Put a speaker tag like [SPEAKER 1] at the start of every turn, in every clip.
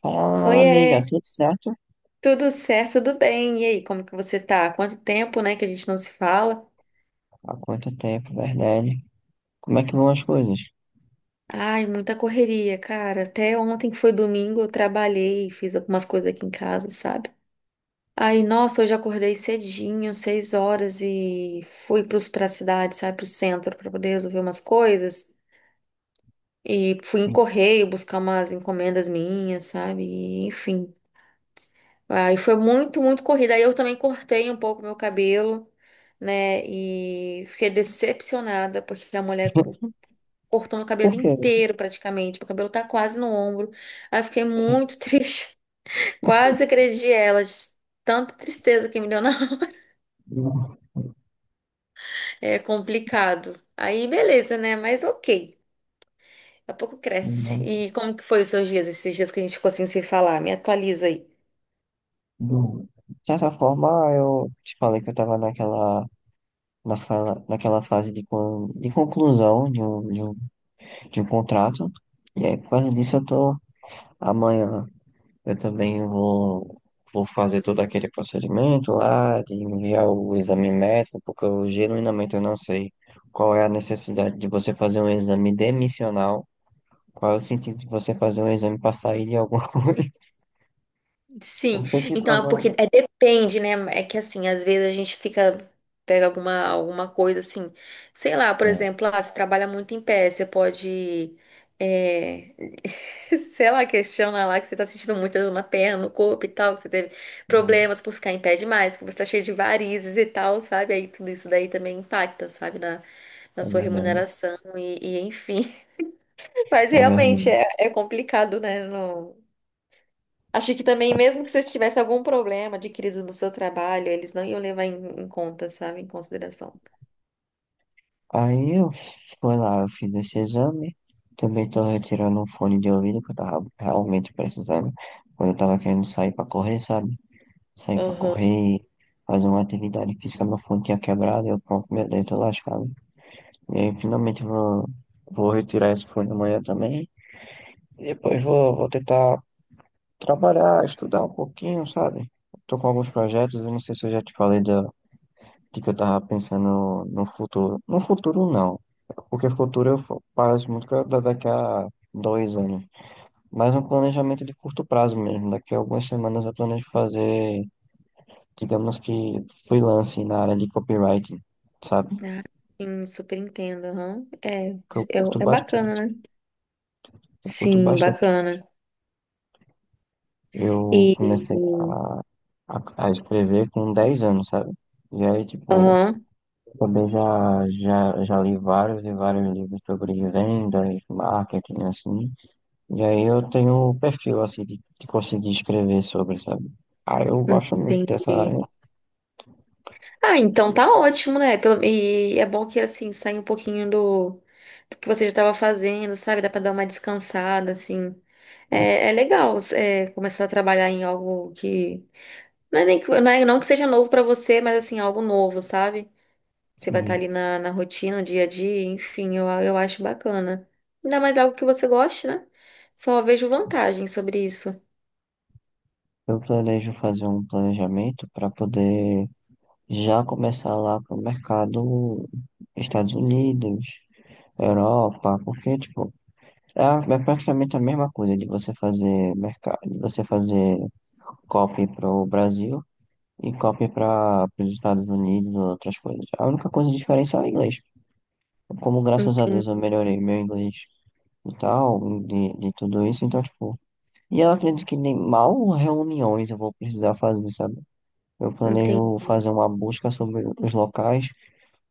[SPEAKER 1] Fala,
[SPEAKER 2] Oiê,
[SPEAKER 1] amiga, tudo certo?
[SPEAKER 2] tudo certo, tudo bem? E aí, como que você tá? Quanto tempo, né, que a gente não se fala?
[SPEAKER 1] Há quanto tempo, verdade? Como é que vão as coisas?
[SPEAKER 2] Ai, muita correria, cara. Até ontem que foi domingo, eu trabalhei, fiz algumas coisas aqui em casa, sabe? Aí, nossa, hoje eu acordei cedinho, 6 horas, e fui pra cidade, sabe, pro centro, pra poder resolver umas coisas. E fui em
[SPEAKER 1] Sim.
[SPEAKER 2] correio buscar umas encomendas minhas, sabe? E, enfim, aí foi muito, muito corrida. Aí eu também cortei um pouco meu cabelo, né? E fiquei decepcionada, porque a mulher cortou meu
[SPEAKER 1] Por
[SPEAKER 2] cabelo
[SPEAKER 1] quê?
[SPEAKER 2] inteiro praticamente. Meu cabelo tá quase no ombro. Aí eu fiquei
[SPEAKER 1] É,
[SPEAKER 2] muito triste. Quase agredi ela. De Tanta tristeza que me deu na hora.
[SPEAKER 1] eu-
[SPEAKER 2] É complicado. Aí beleza, né? Mas ok. Daqui a pouco cresce.
[SPEAKER 1] eu-
[SPEAKER 2] E como que foi os seus dias, esses dias que a gente ficou sem se falar? Me atualiza aí.
[SPEAKER 1] de certa forma, eu te falei que eu estava naquela fase de conclusão de um contrato. E aí, por causa disso, eu tô. Amanhã eu também vou fazer todo aquele procedimento lá, de enviar o exame médico, porque eu genuinamente eu não sei qual é a necessidade de você fazer um exame demissional, qual é o sentido de você fazer um exame para sair de alguma coisa.
[SPEAKER 2] Sim,
[SPEAKER 1] Eu tenho que
[SPEAKER 2] então é
[SPEAKER 1] provar.
[SPEAKER 2] porque é, depende, né? É que assim, às vezes a gente fica, pega alguma coisa assim, sei lá, por
[SPEAKER 1] É,
[SPEAKER 2] exemplo, ah, você trabalha muito em pé, você pode, é, sei lá, questiona lá que você tá sentindo muita dor na perna, no corpo e tal, que você teve
[SPEAKER 1] uhum,
[SPEAKER 2] problemas por ficar em pé demais, que você tá cheio de varizes e tal, sabe? Aí tudo isso daí também impacta, sabe, na
[SPEAKER 1] é
[SPEAKER 2] sua
[SPEAKER 1] verdade,
[SPEAKER 2] remuneração e enfim. Mas
[SPEAKER 1] é
[SPEAKER 2] realmente
[SPEAKER 1] verdade.
[SPEAKER 2] é complicado, né? Achei que também, mesmo que você tivesse algum problema adquirido no seu trabalho, eles não iam levar em conta, sabe? Em consideração.
[SPEAKER 1] Aí eu fui lá, eu fiz esse exame. Também tô retirando um fone de ouvido que eu tava realmente precisando. Quando eu tava querendo sair pra correr, sabe? Sair pra
[SPEAKER 2] Aham.
[SPEAKER 1] correr, fazer uma atividade física, meu fone tinha quebrado, eu pronto, meu dedo tô lascado. E aí finalmente eu vou retirar esse fone amanhã também. E depois vou tentar trabalhar, estudar um pouquinho, sabe? Tô com alguns projetos, eu não sei se eu já te falei da... Tipo, eu tava pensando no futuro. No futuro, não. Porque futuro eu passo muito daqui a 2 anos. Mas um planejamento de curto prazo mesmo. Daqui a algumas semanas eu planejo fazer, digamos que, freelance na área de copywriting, sabe?
[SPEAKER 2] Ah, sim, super entendo. Aham. É,
[SPEAKER 1] Que eu curto
[SPEAKER 2] é
[SPEAKER 1] bastante.
[SPEAKER 2] bacana, né?
[SPEAKER 1] Eu curto
[SPEAKER 2] Sim,
[SPEAKER 1] bastante.
[SPEAKER 2] bacana.
[SPEAKER 1] Eu
[SPEAKER 2] E.
[SPEAKER 1] comecei a escrever com 10 anos, sabe? E aí, tipo,
[SPEAKER 2] Aham,
[SPEAKER 1] também já li vários e vários livros sobre vendas, marketing, assim. E aí eu tenho um perfil, assim, de conseguir escrever sobre, sabe? Ah, eu gosto muito dessa área,
[SPEAKER 2] entendi.
[SPEAKER 1] né?
[SPEAKER 2] Ah, então tá ótimo, né? E é bom que, assim, saia um pouquinho do que você já estava fazendo, sabe? Dá pra dar uma descansada, assim. É legal, começar a trabalhar em algo que. Não é nem que, não que seja novo pra você, mas assim, é algo novo, sabe? Você vai estar
[SPEAKER 1] E
[SPEAKER 2] ali na rotina, no dia a dia, enfim, eu acho bacana. Ainda mais algo que você goste, né? Só vejo vantagem sobre isso.
[SPEAKER 1] eu planejo fazer um planejamento para poder já começar lá pro mercado Estados Unidos, Europa, porque, tipo, é, é praticamente a mesma coisa de você fazer mercado, de você fazer copy para o Brasil e copy para os Estados Unidos ou outras coisas. A única coisa diferente é o inglês. Como, graças a Deus, eu
[SPEAKER 2] Entendi,
[SPEAKER 1] melhorei meu inglês e tal, de tudo isso, então, tipo... E eu acredito que nem mal reuniões eu vou precisar fazer, sabe? Eu planejo
[SPEAKER 2] entendi,
[SPEAKER 1] fazer uma busca sobre os locais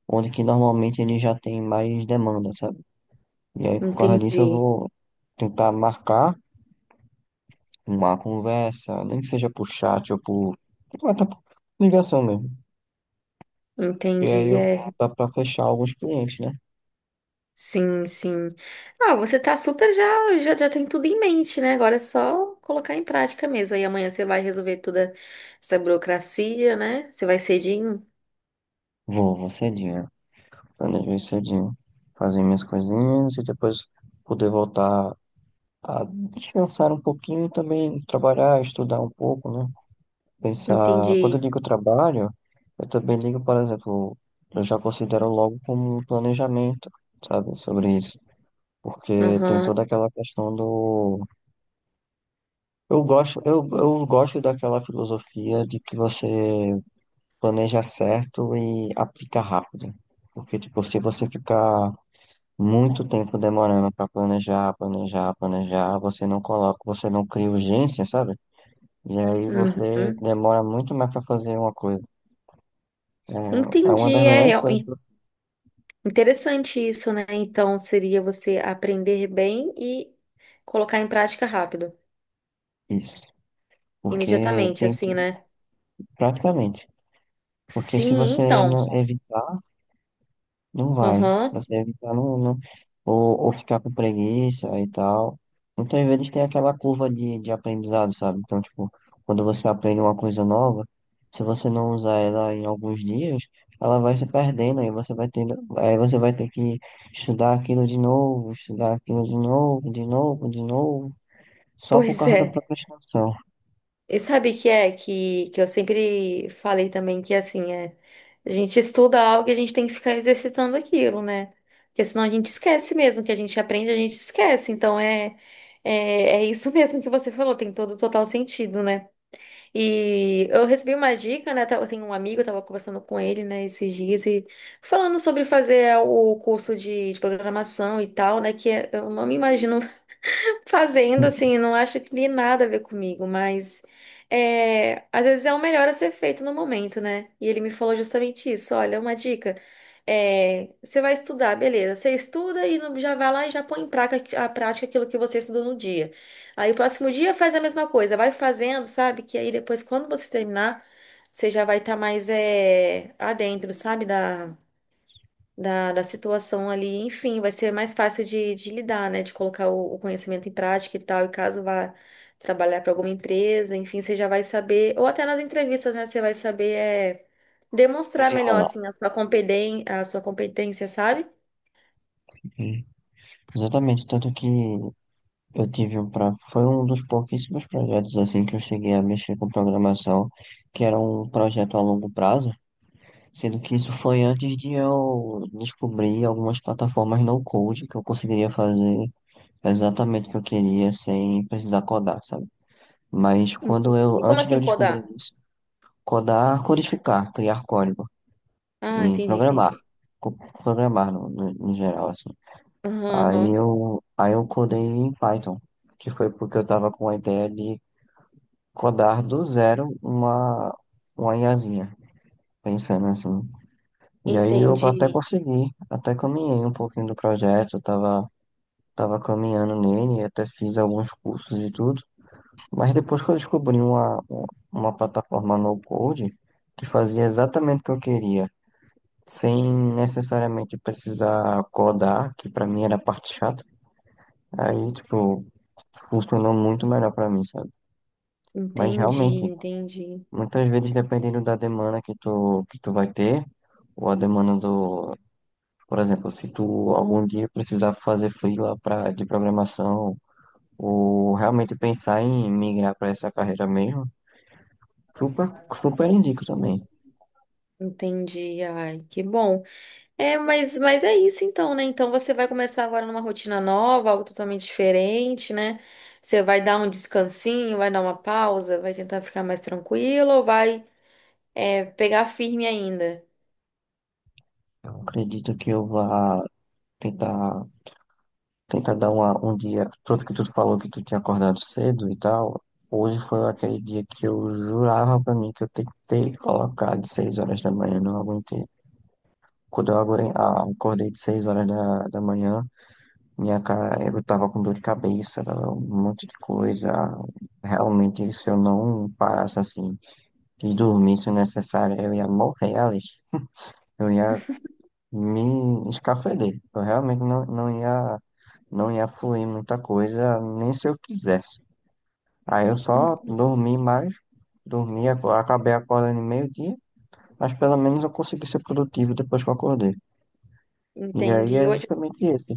[SPEAKER 1] onde que normalmente ele já tem mais demanda, sabe? E aí, por causa disso, eu
[SPEAKER 2] entendi,
[SPEAKER 1] vou tentar marcar uma conversa, nem que seja por chat ou por... ou até por ligação mesmo. E aí
[SPEAKER 2] entendi,
[SPEAKER 1] eu
[SPEAKER 2] é.
[SPEAKER 1] dá pra fechar alguns clientes, né?
[SPEAKER 2] Sim, sim. Ah, você tá super já tem tudo em mente, né? Agora é só colocar em prática mesmo. Aí amanhã você vai resolver toda essa burocracia, né? Você vai cedinho?
[SPEAKER 1] Vou cedinho. Planejo ir cedinho. Fazer minhas coisinhas e depois poder voltar a descansar um pouquinho e também trabalhar, estudar um pouco, né? Pensar. Quando eu
[SPEAKER 2] Entendi.
[SPEAKER 1] digo trabalho, eu também digo, por exemplo, eu já considero logo como um planejamento, sabe, sobre isso. Porque tem
[SPEAKER 2] Aham.
[SPEAKER 1] toda aquela questão do... eu gosto daquela filosofia de que você planeja certo e aplica rápido. Porque, tipo, se você ficar muito tempo demorando para planejar, planejar, planejar, você não coloca, você não cria urgência, sabe? E aí você
[SPEAKER 2] Uhum.
[SPEAKER 1] demora muito mais para fazer uma coisa. É, é uma das
[SPEAKER 2] Entendi, é
[SPEAKER 1] melhores coisas para
[SPEAKER 2] interessante isso, né? Então seria você aprender bem e colocar em prática rápido,
[SPEAKER 1] isso. Porque
[SPEAKER 2] imediatamente,
[SPEAKER 1] tem que,
[SPEAKER 2] assim, né?
[SPEAKER 1] praticamente. Porque se
[SPEAKER 2] Sim,
[SPEAKER 1] você
[SPEAKER 2] então.
[SPEAKER 1] não evitar... Não vai.
[SPEAKER 2] Aham,
[SPEAKER 1] Você deve estar no, ou ficar com preguiça e tal. Então, às vezes, tem aquela curva de aprendizado, sabe? Então, tipo, quando você aprende uma coisa nova, se você não usar ela em alguns dias, ela vai se perdendo, aí você vai tendo, aí você vai ter que estudar aquilo de novo, estudar aquilo de novo, de novo, de novo, só por
[SPEAKER 2] pois
[SPEAKER 1] causa da
[SPEAKER 2] é.
[SPEAKER 1] procrastinação.
[SPEAKER 2] E sabe o que é que eu sempre falei também que assim é, a gente estuda algo e a gente tem que ficar exercitando aquilo, né? Porque senão a gente esquece mesmo, que a gente aprende, a gente esquece. Então é, é isso mesmo que você falou, tem todo o total sentido, né? E eu recebi uma dica, né? Eu tenho um amigo, eu tava conversando com ele, né, esses dias, e falando sobre fazer o curso de programação e tal, né? Eu não me imagino fazendo, assim, não acho que tem nada a ver comigo, mas às vezes é o melhor a ser feito no momento, né? E ele me falou justamente isso: olha, uma dica, você vai estudar, beleza, você estuda e já vai lá e já põe em prática, a prática aquilo que você estudou no dia. Aí o próximo dia faz a mesma coisa, vai fazendo, sabe? Que aí depois, quando você terminar, você já vai estar mais adentro, sabe? da situação ali. Enfim, vai ser mais fácil de lidar, né? De colocar o conhecimento em prática e tal. E caso vá trabalhar para alguma empresa, enfim, você já vai saber, ou até nas entrevistas, né? Você vai saber demonstrar melhor,
[SPEAKER 1] Desenrolar.
[SPEAKER 2] assim, a sua competência, sabe?
[SPEAKER 1] Exatamente, tanto que eu tive um pra... Foi um dos pouquíssimos projetos assim que eu cheguei a mexer com programação, que era um projeto a longo prazo, sendo que isso foi antes de eu descobrir algumas plataformas no code que eu conseguiria fazer exatamente o que eu queria sem precisar codar, sabe? Mas quando eu,
[SPEAKER 2] Entendi. Como
[SPEAKER 1] antes de eu
[SPEAKER 2] assim
[SPEAKER 1] descobrir
[SPEAKER 2] codar?
[SPEAKER 1] isso, codar, codificar, criar código
[SPEAKER 2] Ah,
[SPEAKER 1] e
[SPEAKER 2] entendi,
[SPEAKER 1] programar,
[SPEAKER 2] entendi.
[SPEAKER 1] co- programar no, no geral assim.
[SPEAKER 2] Aham, aham.
[SPEAKER 1] Aí eu codei em Python, que foi porque eu tava com a ideia de codar do zero uma IAzinha, pensando assim. E aí eu até
[SPEAKER 2] Entendi,
[SPEAKER 1] consegui, até caminhei um pouquinho do projeto, tava caminhando nele, até fiz alguns cursos e tudo. Mas depois que eu descobri uma plataforma no code que fazia exatamente o que eu queria, sem necessariamente precisar codar, que pra mim era a parte chata, aí, tipo, funcionou muito melhor pra mim, sabe? Mas
[SPEAKER 2] entendi,
[SPEAKER 1] realmente,
[SPEAKER 2] entendi,
[SPEAKER 1] muitas vezes, dependendo da demanda que tu vai ter, ou a demanda do, por exemplo, se tu algum dia precisar fazer freela pra, de programação, ou realmente pensar em migrar para essa carreira mesmo, super, super indico também.
[SPEAKER 2] entendi. Ai, que bom. É, mas é isso então, né? Então você vai começar agora numa rotina nova, algo totalmente diferente, né? Você vai dar um descansinho, vai dar uma pausa, vai tentar ficar mais tranquilo ou vai, pegar firme ainda?
[SPEAKER 1] Eu acredito que eu vá tentar, tentar dar uma, um dia, tanto que tu falou que tu tinha acordado cedo e tal, hoje foi aquele dia que eu jurava pra mim que eu tentei colocar de 6 horas da manhã, não aguentei. Quando eu acordei de 6 horas da manhã, minha cara, eu tava com dor de cabeça, tava um monte de coisa. Realmente, se eu não parasse assim e dormisse o necessário, eu ia morrer ali. Eu ia me escafeder. Eu realmente não ia, não ia fluir muita coisa, nem se eu quisesse. Aí eu só dormi mais, dormi, acabei acordando meio-dia, mas pelo menos eu consegui ser produtivo depois que eu acordei. E aí
[SPEAKER 2] Entendi.
[SPEAKER 1] é
[SPEAKER 2] Hoje,
[SPEAKER 1] justamente esse.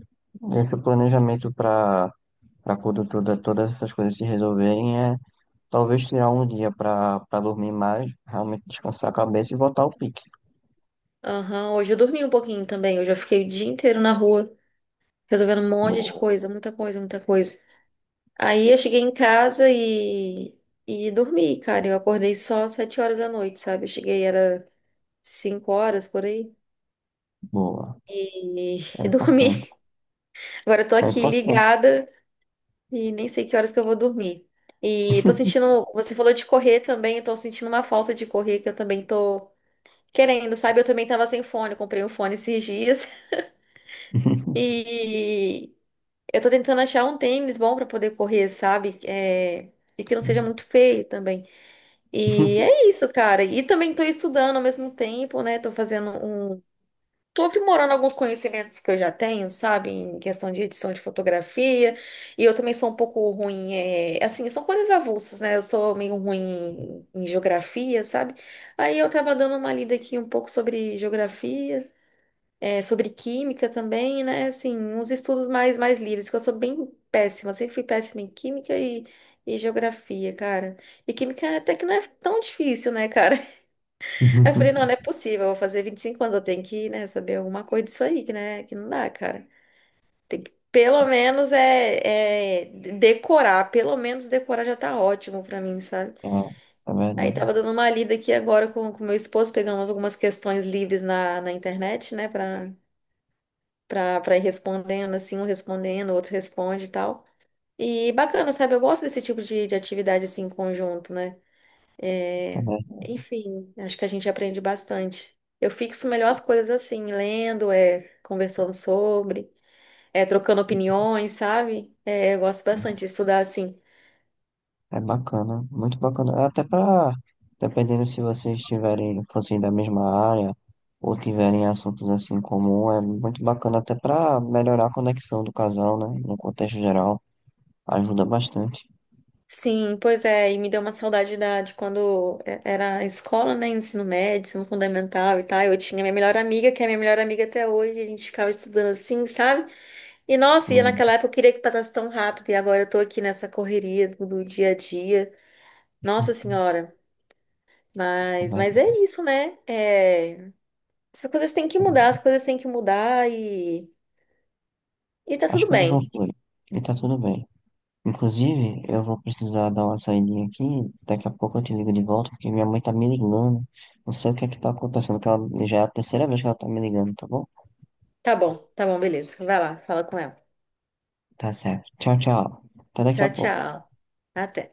[SPEAKER 1] Esse planejamento para para quando toda, todas essas coisas se resolverem é talvez tirar um dia para para dormir mais, realmente descansar a cabeça e voltar ao pique.
[SPEAKER 2] aham, hoje eu dormi um pouquinho também. Hoje eu fiquei o dia inteiro na rua, resolvendo um monte de
[SPEAKER 1] Boa,
[SPEAKER 2] coisa, muita coisa, muita coisa. Aí eu cheguei em casa e dormi, cara. Eu acordei só 7 horas da noite, sabe? Eu cheguei, era 5 horas por aí.
[SPEAKER 1] boa.
[SPEAKER 2] E,
[SPEAKER 1] É
[SPEAKER 2] e
[SPEAKER 1] importante.
[SPEAKER 2] dormi. Agora eu tô
[SPEAKER 1] É
[SPEAKER 2] aqui
[SPEAKER 1] importante.
[SPEAKER 2] ligada e nem sei que horas que eu vou dormir. E tô sentindo, você falou de correr também, eu tô sentindo uma falta de correr que eu também tô querendo, sabe? Eu também tava sem fone, eu comprei um fone esses dias e eu tô tentando achar um tênis bom pra poder correr, sabe? E que não seja muito feio também. E é isso, cara. E também tô estudando ao mesmo tempo, né? Tô fazendo um Tô aprimorando alguns conhecimentos que eu já tenho, sabe, em questão de edição de fotografia, e eu também sou um pouco ruim, assim, são coisas avulsas, né? Eu sou meio ruim em geografia, sabe? Aí eu tava dando uma lida aqui um pouco sobre geografia, sobre química também, né? Assim, uns estudos mais livres, que eu sou bem péssima, sempre fui péssima em química e geografia, cara. E química até que não é tão difícil, né, cara? Aí eu falei, não, não é possível, eu vou fazer 25 anos, eu tenho que, né, saber alguma coisa disso aí, que, né, que não dá, cara. Tem que, pelo menos, decorar, pelo menos decorar já tá ótimo pra mim, sabe?
[SPEAKER 1] É, é
[SPEAKER 2] Aí tava
[SPEAKER 1] verdade.
[SPEAKER 2] dando uma lida aqui agora com meu esposo, pegando algumas questões livres na internet, né, pra ir respondendo, assim, um respondendo, o outro responde e tal. E bacana, sabe? Eu gosto desse tipo de atividade, assim, em conjunto, né?
[SPEAKER 1] É
[SPEAKER 2] É,
[SPEAKER 1] verdade.
[SPEAKER 2] Enfim, acho que a gente aprende bastante. Eu fixo melhor as coisas assim, lendo, conversando sobre, trocando opiniões, sabe? Eu gosto bastante de estudar assim.
[SPEAKER 1] É bacana, muito bacana. É até para, dependendo se vocês tiverem, fossem da mesma área ou tiverem assuntos assim em comum, é muito bacana até para melhorar a conexão do casal, né? No contexto geral, ajuda bastante.
[SPEAKER 2] Sim, pois é, e me deu uma saudade da, de quando era a escola, né? Ensino médio, ensino fundamental e tal. Eu tinha minha melhor amiga, que é minha melhor amiga até hoje, a gente ficava estudando assim, sabe? E nossa, e
[SPEAKER 1] Sim,
[SPEAKER 2] naquela época eu queria que passasse tão rápido, e agora eu tô aqui nessa correria do dia a dia. Nossa
[SPEAKER 1] é
[SPEAKER 2] Senhora. Mas
[SPEAKER 1] verdade,
[SPEAKER 2] é isso, né? É, essas coisas têm que
[SPEAKER 1] é verdade.
[SPEAKER 2] mudar, as coisas têm que mudar e tá
[SPEAKER 1] As
[SPEAKER 2] tudo
[SPEAKER 1] coisas vão
[SPEAKER 2] bem.
[SPEAKER 1] fluir e tá tudo bem. Inclusive, eu vou precisar dar uma saidinha aqui, daqui a pouco eu te ligo de volta, porque minha mãe tá me ligando. Não sei o que é que tá acontecendo, que ela já é a terceira vez que ela tá me ligando, tá bom?
[SPEAKER 2] Tá bom, beleza. Vai lá, fala com ela.
[SPEAKER 1] Tá certo. Tchau, tchau. Até daqui a
[SPEAKER 2] Tchau,
[SPEAKER 1] pouco.
[SPEAKER 2] tchau. Até.